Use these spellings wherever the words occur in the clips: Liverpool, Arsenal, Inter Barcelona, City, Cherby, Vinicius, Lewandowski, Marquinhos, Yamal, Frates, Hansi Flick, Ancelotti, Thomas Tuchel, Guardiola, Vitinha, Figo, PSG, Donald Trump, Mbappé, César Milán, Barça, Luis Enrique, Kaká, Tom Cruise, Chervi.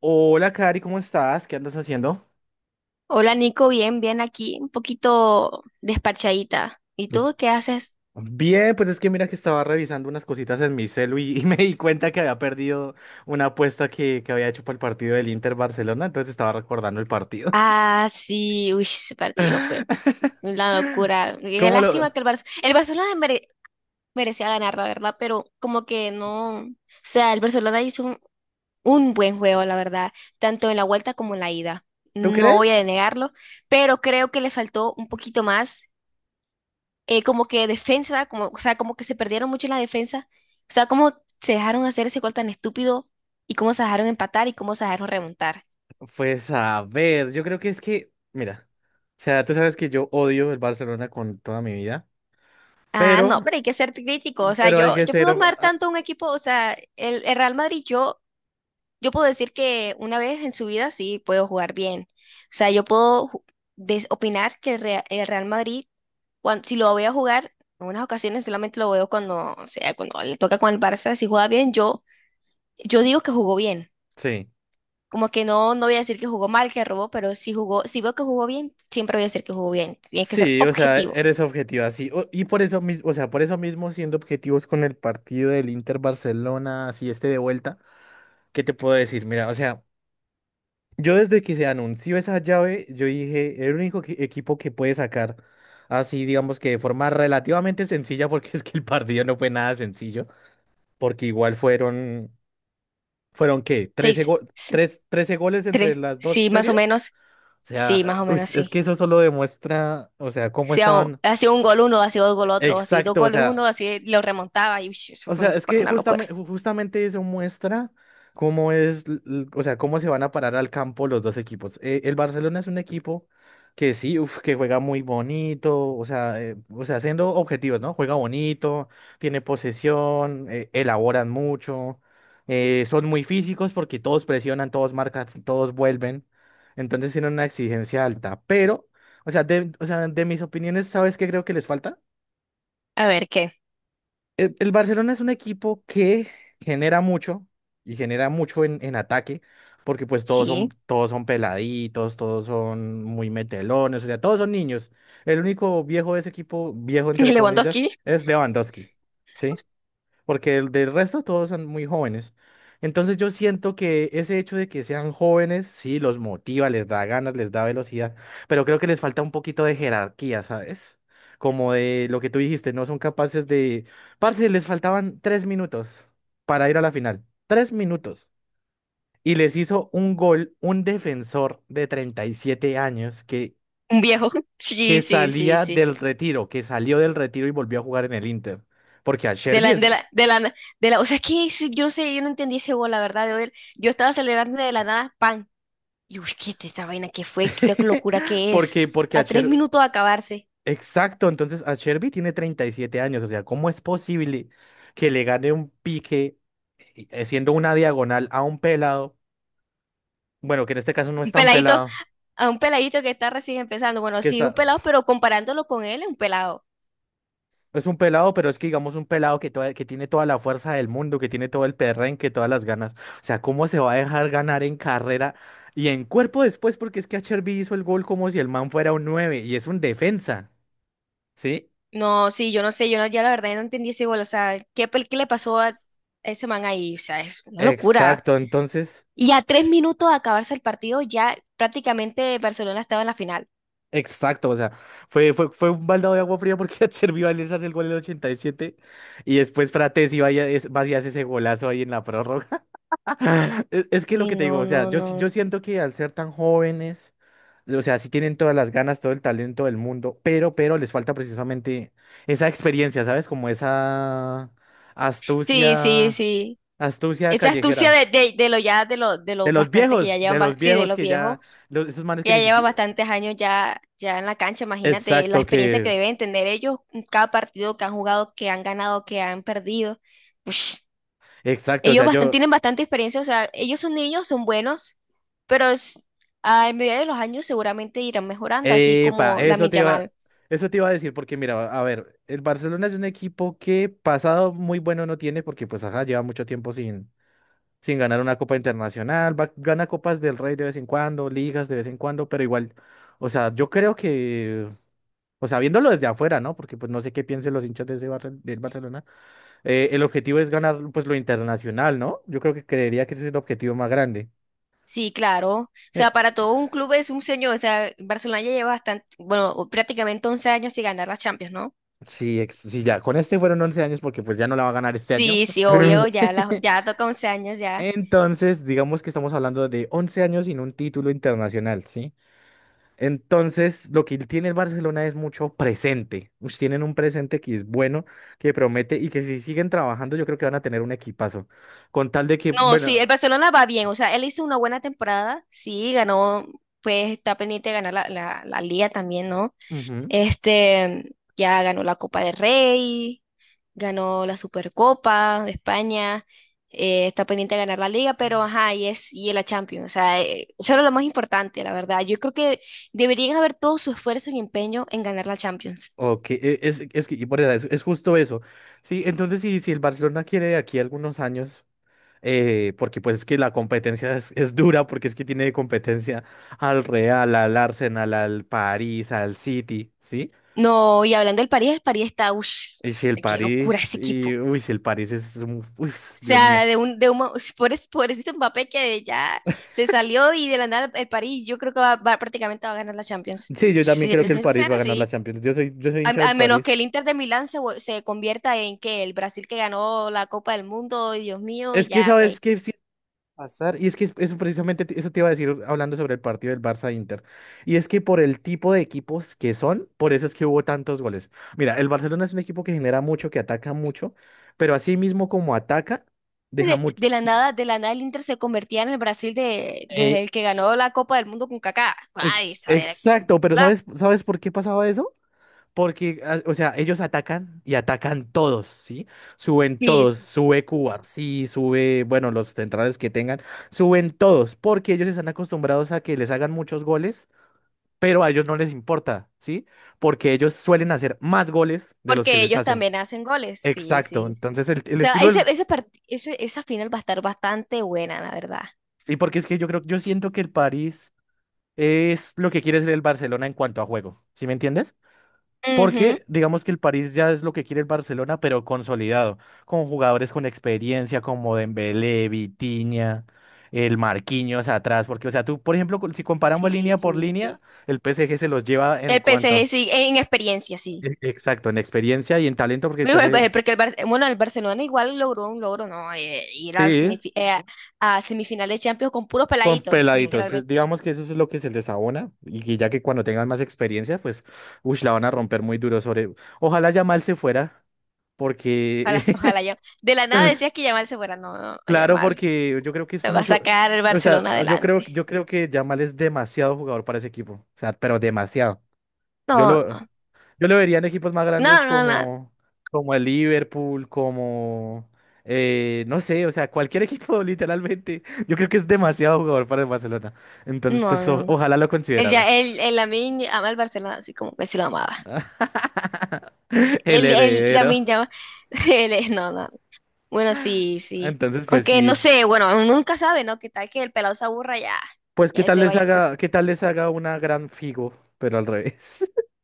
Hola, Cari, ¿cómo estás? ¿Qué andas haciendo? Hola Nico, bien aquí, un poquito despachadita. ¿Y Es- tú qué haces? Bien, pues es que mira que estaba revisando unas cositas en mi celu y me di cuenta que había perdido una apuesta que había hecho para el partido del Inter Barcelona, entonces estaba recordando el partido. Ah, sí, uy, ese partido fue una locura. Qué ¿Cómo lo... lástima que el Barcelona merecía ganar, la verdad, pero como que no, o sea, el Barcelona hizo un buen juego, la verdad, tanto en la vuelta como en la ida. ¿Tú No voy a crees? denegarlo, pero creo que le faltó un poquito más como que defensa, como, o sea, como que se perdieron mucho en la defensa. O sea, cómo se dejaron hacer ese gol tan estúpido y cómo se dejaron empatar y cómo se dejaron remontar. Pues a ver, yo creo que es que, mira, o sea, tú sabes que yo odio el Barcelona con toda mi vida, Ah, no, pero, pero hay que ser crítico. O sea, pero hay que yo ser, puedo amar tanto a un equipo, o sea, el Real Madrid, yo puedo decir que una vez en su vida sí puedo jugar bien. O sea, yo puedo ju- des- opinar que el Real Madrid, si lo voy a jugar, en unas ocasiones solamente lo veo cuando, o sea, cuando le toca con el Barça, si juega bien, yo digo que jugó bien. sí. Como que no voy a decir que jugó mal, que robó, pero si jugó, si veo que jugó bien, siempre voy a decir que jugó bien. Tiene que ser Sí, o sea, objetivo. eres objetiva, sí, o- Y por eso mismo, o sea, por eso mismo siendo objetivos con el partido del Inter Barcelona, así este de vuelta, ¿qué te puedo decir? Mira, o sea, yo desde que se anunció esa llave, yo dije, el único equipo que puede sacar así, digamos que de forma relativamente sencilla, porque es que el partido no fue nada sencillo, porque igual fueron, ¿fueron qué? Seis, s- Trece goles entre tres. las dos Sí, más series? o menos. O Sí, sea, más o uy, menos es que sí. eso solo demuestra, o sea, cómo Si ha, estaban. ha sido un gol uno, ha sido dos gol otro, ha sido dos Exacto, o goles uno, sea. así lo remontaba y uy, eso O fue sea, es fue que una locura. justamente, justamente eso muestra cómo es, o sea, cómo se van a parar al campo los dos equipos. El Barcelona es un equipo que sí, uf, que juega muy bonito, o sea, siendo objetivos, ¿no? Juega bonito, tiene posesión, elaboran mucho, son muy físicos porque todos presionan, todos marcan, todos vuelven. Entonces tienen una exigencia alta. Pero, o sea, o sea, de mis opiniones, ¿sabes qué creo que les falta? A ver qué. El Barcelona es un equipo que genera mucho y genera mucho en ataque, porque pues Sí. todos son peladitos, todos son muy metelones, o sea, todos son niños. El único viejo de ese equipo, viejo entre comillas, Lewandowski, es Lewandowski, ¿sí? Porque el del resto todos son muy jóvenes. Entonces yo siento que ese hecho de que sean jóvenes, sí, los motiva, les da ganas, les da velocidad, pero creo que les falta un poquito de jerarquía, ¿sabes? Como de lo que tú dijiste, no son capaces de... Parce, les faltaban tres minutos para ir a la final. Tres minutos. Y les hizo un gol un defensor de 37 años un viejo. Sí, que sí, sí, salía sí. del retiro, que salió del retiro y volvió a jugar en el Inter. Porque a De Sherby la, es. de la, de la, na- de la, o sea, es que yo no sé, yo no entendí ese gol, la verdad. Yo estaba celebrando de la nada, pan. Y uy, ¿qué es esta vaina? ¿Qué fue? ¿Qué locura que es? Porque, porque a A tres Cher- minutos de acabarse. Exacto, entonces a Cherby tiene 37 años, o sea, ¿cómo es posible que le gane un pique siendo una diagonal a un pelado? Bueno, que en este caso no es Un tan peladito, pelado, a un peladito que está recién empezando. Bueno, que sí, un está, pelado, pero comparándolo con él, es un pelado. es un pelado, pero es que digamos un pelado que, que tiene toda la fuerza del mundo, que tiene todo el perrenque, todas las ganas. O sea, ¿cómo se va a dejar ganar en carrera y en cuerpo después? Porque es que a Cherby hizo el gol como si el man fuera un 9 y es un defensa, ¿sí? No, sí, yo no sé, yo no, ya la verdad no entendí ese gol. O sea, ¿qué le pasó a ese man ahí? O sea, es una locura. Exacto, entonces... Y a tres minutos de acabarse el partido, ya prácticamente Barcelona estaba en la final. Exacto, o sea, fue un baldado de agua fría porque Chervi les hace el gol en el 87 y siete y después Frates iba y va y hace ese golazo ahí en la prórroga. Es que lo Uy, que te digo, no, o sea, no, yo, yo no. siento que al ser tan jóvenes, o sea, sí tienen todas las ganas, todo el talento del mundo, pero les falta precisamente esa experiencia, ¿sabes? Como esa Sí, sí, astucia, sí. astucia Esa astucia callejera. De lo ya, de lo bastante que ya De llevan, los sí, de viejos los que ya, viejos. Esos manes que Ella ni lleva siquiera... bastantes años ya, ya en la cancha, imagínate la Exacto, experiencia que que... deben tener ellos, cada partido que han jugado, que han ganado, que han perdido. Ush, Exacto, o sea, yo... tienen bastante experiencia, o sea, ellos son niños, son buenos, pero a medida de los años seguramente irán mejorando, así Epa, como la Yamal. eso te iba a decir, porque mira, a ver, el Barcelona es un equipo que pasado muy bueno no tiene, porque pues ajá, lleva mucho tiempo sin ganar una copa internacional, gana copas del Rey de vez en cuando, ligas de vez en cuando, pero igual, o sea, yo creo que, o sea, viéndolo desde afuera, ¿no? Porque pues no sé qué piensen los hinchas de ese del Barcelona, el objetivo es ganar pues lo internacional, ¿no? Yo creo que creería que ese es el objetivo más grande. Sí, claro. O Eh, sea, para todo un club es un señor, o sea, Barcelona ya lleva bastante, bueno, o prácticamente 11 años sin ganar la Champions, ¿no? Sí, ya, con este fueron 11 años porque pues ya no la va a ganar este año. Sí, sí, obvio, ya, ya toca 11 años ya. Entonces, digamos que estamos hablando de 11 años sin un título internacional, ¿sí? Entonces, lo que tiene el Barcelona es mucho presente. Ush, tienen un presente que es bueno, que promete y que si siguen trabajando, yo creo que van a tener un equipazo. Con tal de que, No, sí, el bueno, Barcelona va bien, o sea, él hizo una buena temporada, sí, ganó, pues está pendiente de ganar la Liga también, ¿no? ujú, Este, ya ganó la Copa del Rey, ganó la Supercopa de España, está pendiente de ganar la Liga, pero ajá, y es y la Champions, o sea, eso era lo más importante, la verdad. Yo creo que deberían haber todo su esfuerzo y empeño en ganar la Champions. ok, es que y por edad, es justo eso. Sí, entonces, si el Barcelona quiere de aquí a algunos años, porque pues es que la competencia es dura, porque es que tiene competencia al Real, al Arsenal, al París, al City, ¿sí? No, y hablando del París, el París está, uff, Y si el qué locura París, ese y equipo. uy, si el París es un, uy, Dios Sea, mío. Por ese Mbappé que ya se salió y de la nada el París, yo creo que prácticamente va a ganar la Champions. Sí, yo también Si creo te que sí, el yo soy París va a también. ganar la Sí. Champions. Yo soy hincha A del menos que París. el Inter de Milán se convierta en que el Brasil que ganó la Copa del Mundo, Dios mío, Es que ya está sabes ahí. qué sí va a pasar, y es que eso precisamente eso te iba a decir hablando sobre el partido del Barça Inter. Y es que por el tipo de equipos que son, por eso es que hubo tantos goles. Mira, el Barcelona es un equipo que genera mucho, que ataca mucho, pero así mismo como ataca, deja mucho. De la nada el Inter se convertía en el Brasil Eh, de el que ganó la Copa del Mundo con Kaká. Ay, estaba bien. exacto, pero ¿sabes, sabes por qué pasaba eso? Porque, ah, o sea, ellos atacan y atacan todos, ¿sí? Suben Sí, todos, sí, sube Cuba, sí, sube, bueno, los centrales que tengan, suben todos, porque ellos están acostumbrados a que les hagan muchos goles, pero a ellos no les importa, ¿sí? Porque ellos suelen hacer más goles de los que porque les ellos hacen. también hacen goles. Sí, Exacto, sí. O entonces el sea, estilo, del- esa final va a estar bastante buena, la verdad. sí, porque es que yo creo, yo siento que el París es lo que quiere ser el Barcelona en cuanto a juego, ¿sí me entiendes? Ujú. Porque digamos que el París ya es lo que quiere el Barcelona, pero consolidado, con jugadores con experiencia como Dembélé, Vitinha, el Marquinhos atrás, porque o sea, tú, por ejemplo, si comparamos Sí, línea por sí, línea, sí. el PSG se los lleva en El PSG cuanto, sí, en experiencia sí. Exacto, en experiencia y en talento, porque el Pero PSG, porque bueno, el Barcelona igual logró un logro, ¿no? Ir al sí, a semifinales de Champions con puros con peladitos, peladitos, literalmente. digamos que eso es lo que se les abona, y que ya que cuando tengan más experiencia, pues, uy, la van a romper muy duro sobre, ojalá Yamal se fuera, Ojalá, porque ojalá ya. De la nada decías que Yamal se fuera. No, no, Claro, Yamal. porque yo creo que es Me va a mucho, sacar el o Barcelona sea, adelante. yo creo que Yamal es demasiado jugador para ese equipo, o sea, pero demasiado. Yo No, lo, yo lo vería en equipos más grandes no, no, no, como, como el Liverpool, como, no sé, o sea, cualquier equipo literalmente. Yo creo que es demasiado jugador para el Barcelona. Entonces, no, pues, o- no. él ojalá lo El, considerara ya, él el Lamine ama el Barcelona así como que sí lo amaba. el La heredero. misma, no, no. Bueno, sí, sí. Entonces, pues Aunque no sí, sé, bueno, uno nunca sabe, ¿no? ¿Qué tal que el pelado se aburra ya? pues Ya él se vaya. Qué tal les haga una gran Figo, pero al revés.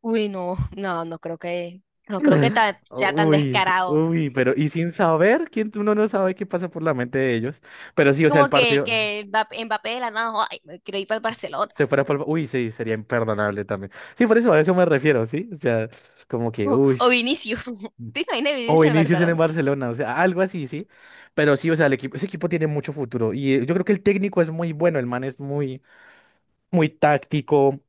Uy, no, no, no creo que Oh, sea tan descarado. uy, pero y sin saber quién uno no sabe qué pasa por la mente de ellos. Pero sí, o sea, Como el partido que Mbappé de la nada, ay, me quiero ir para el Barcelona. se fuera por... Uy, sí, sería imperdonable también. Sí, por eso a eso me refiero, ¿sí? O sea, como que, O, uy. o Vinicius. ¿Te imaginas O Vinicius en el Vinicius en el Barcelona? Barcelona, o sea, algo así, sí. Pero sí, o sea, el equipo, ese equipo tiene mucho futuro. Y yo creo que el técnico es muy bueno, el man es muy, muy táctico,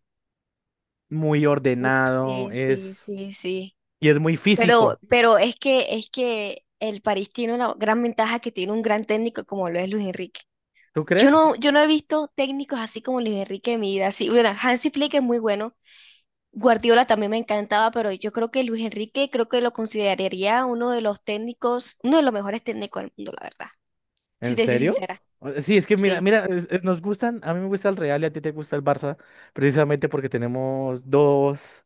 muy Uf, ordenado, sí, sí, es, sí, sí. y es muy físico. Pero es que el París tiene una gran ventaja que tiene un gran técnico como lo es Luis Enrique. ¿Tú Yo crees? no, yo no he visto técnicos así como Luis Enrique en mi vida. Sí, bueno, Hansi Flick es muy bueno. Guardiola también me encantaba, pero yo creo que Luis Enrique creo que lo consideraría uno de los técnicos, uno de los mejores técnicos del mundo, la verdad. Si ¿En te soy serio? sincera. O- Sí, es que mira, Sí. mira, nos gustan, a mí me gusta el Real y a ti te gusta el Barça, precisamente porque tenemos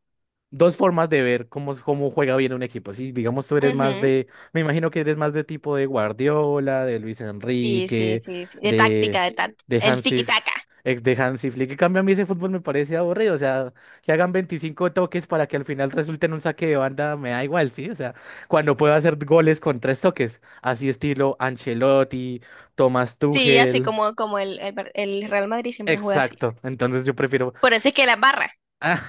dos formas de ver cómo, cómo juega bien un equipo. Si, digamos, tú eres más Ujú. de, me imagino que eres más de tipo de Guardiola, de Luis Sí, sí, Enrique, sí, sí. De de, táctica, de táctica. de El Hansi, tiki-taka. ex de Hansi Flick. En cambio, a mí ese fútbol me parece aburrido. O sea, que hagan 25 toques para que al final resulte en un saque de banda, me da igual, ¿sí? O sea, cuando puedo hacer goles con tres toques, así estilo Ancelotti, Thomas Sí, así Tuchel. como, como el e- Real Madrid siempre juega así. Exacto, entonces yo prefiero. Por eso es que las barras. Ah,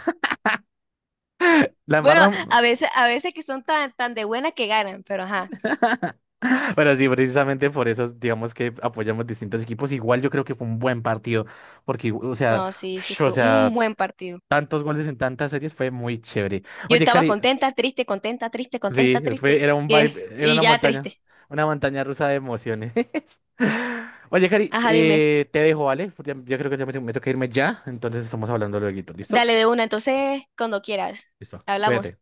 la Bueno, embarramos. A veces que son tan, tan de buena que ganan, pero ajá. Bueno, sí, precisamente por eso, digamos que apoyamos distintos equipos. Igual yo creo que fue un buen partido, porque, o sea, No, sí, sí, o fue un sea, buen partido. tantos goles en tantas series fue muy chévere. Yo Oye, estaba Cari, contenta, triste, contenta, triste, contenta, sí, fue, triste. era un vibe, era Y ya triste. una montaña rusa de emociones. Oye, Cari, Ajá, dime. Te dejo, ¿vale? Porque ya- Yo creo que ya me toca irme ya, entonces estamos hablando luego, ¿listo? Dale de una, entonces, cuando quieras. Listo, Hablamos. cuídate.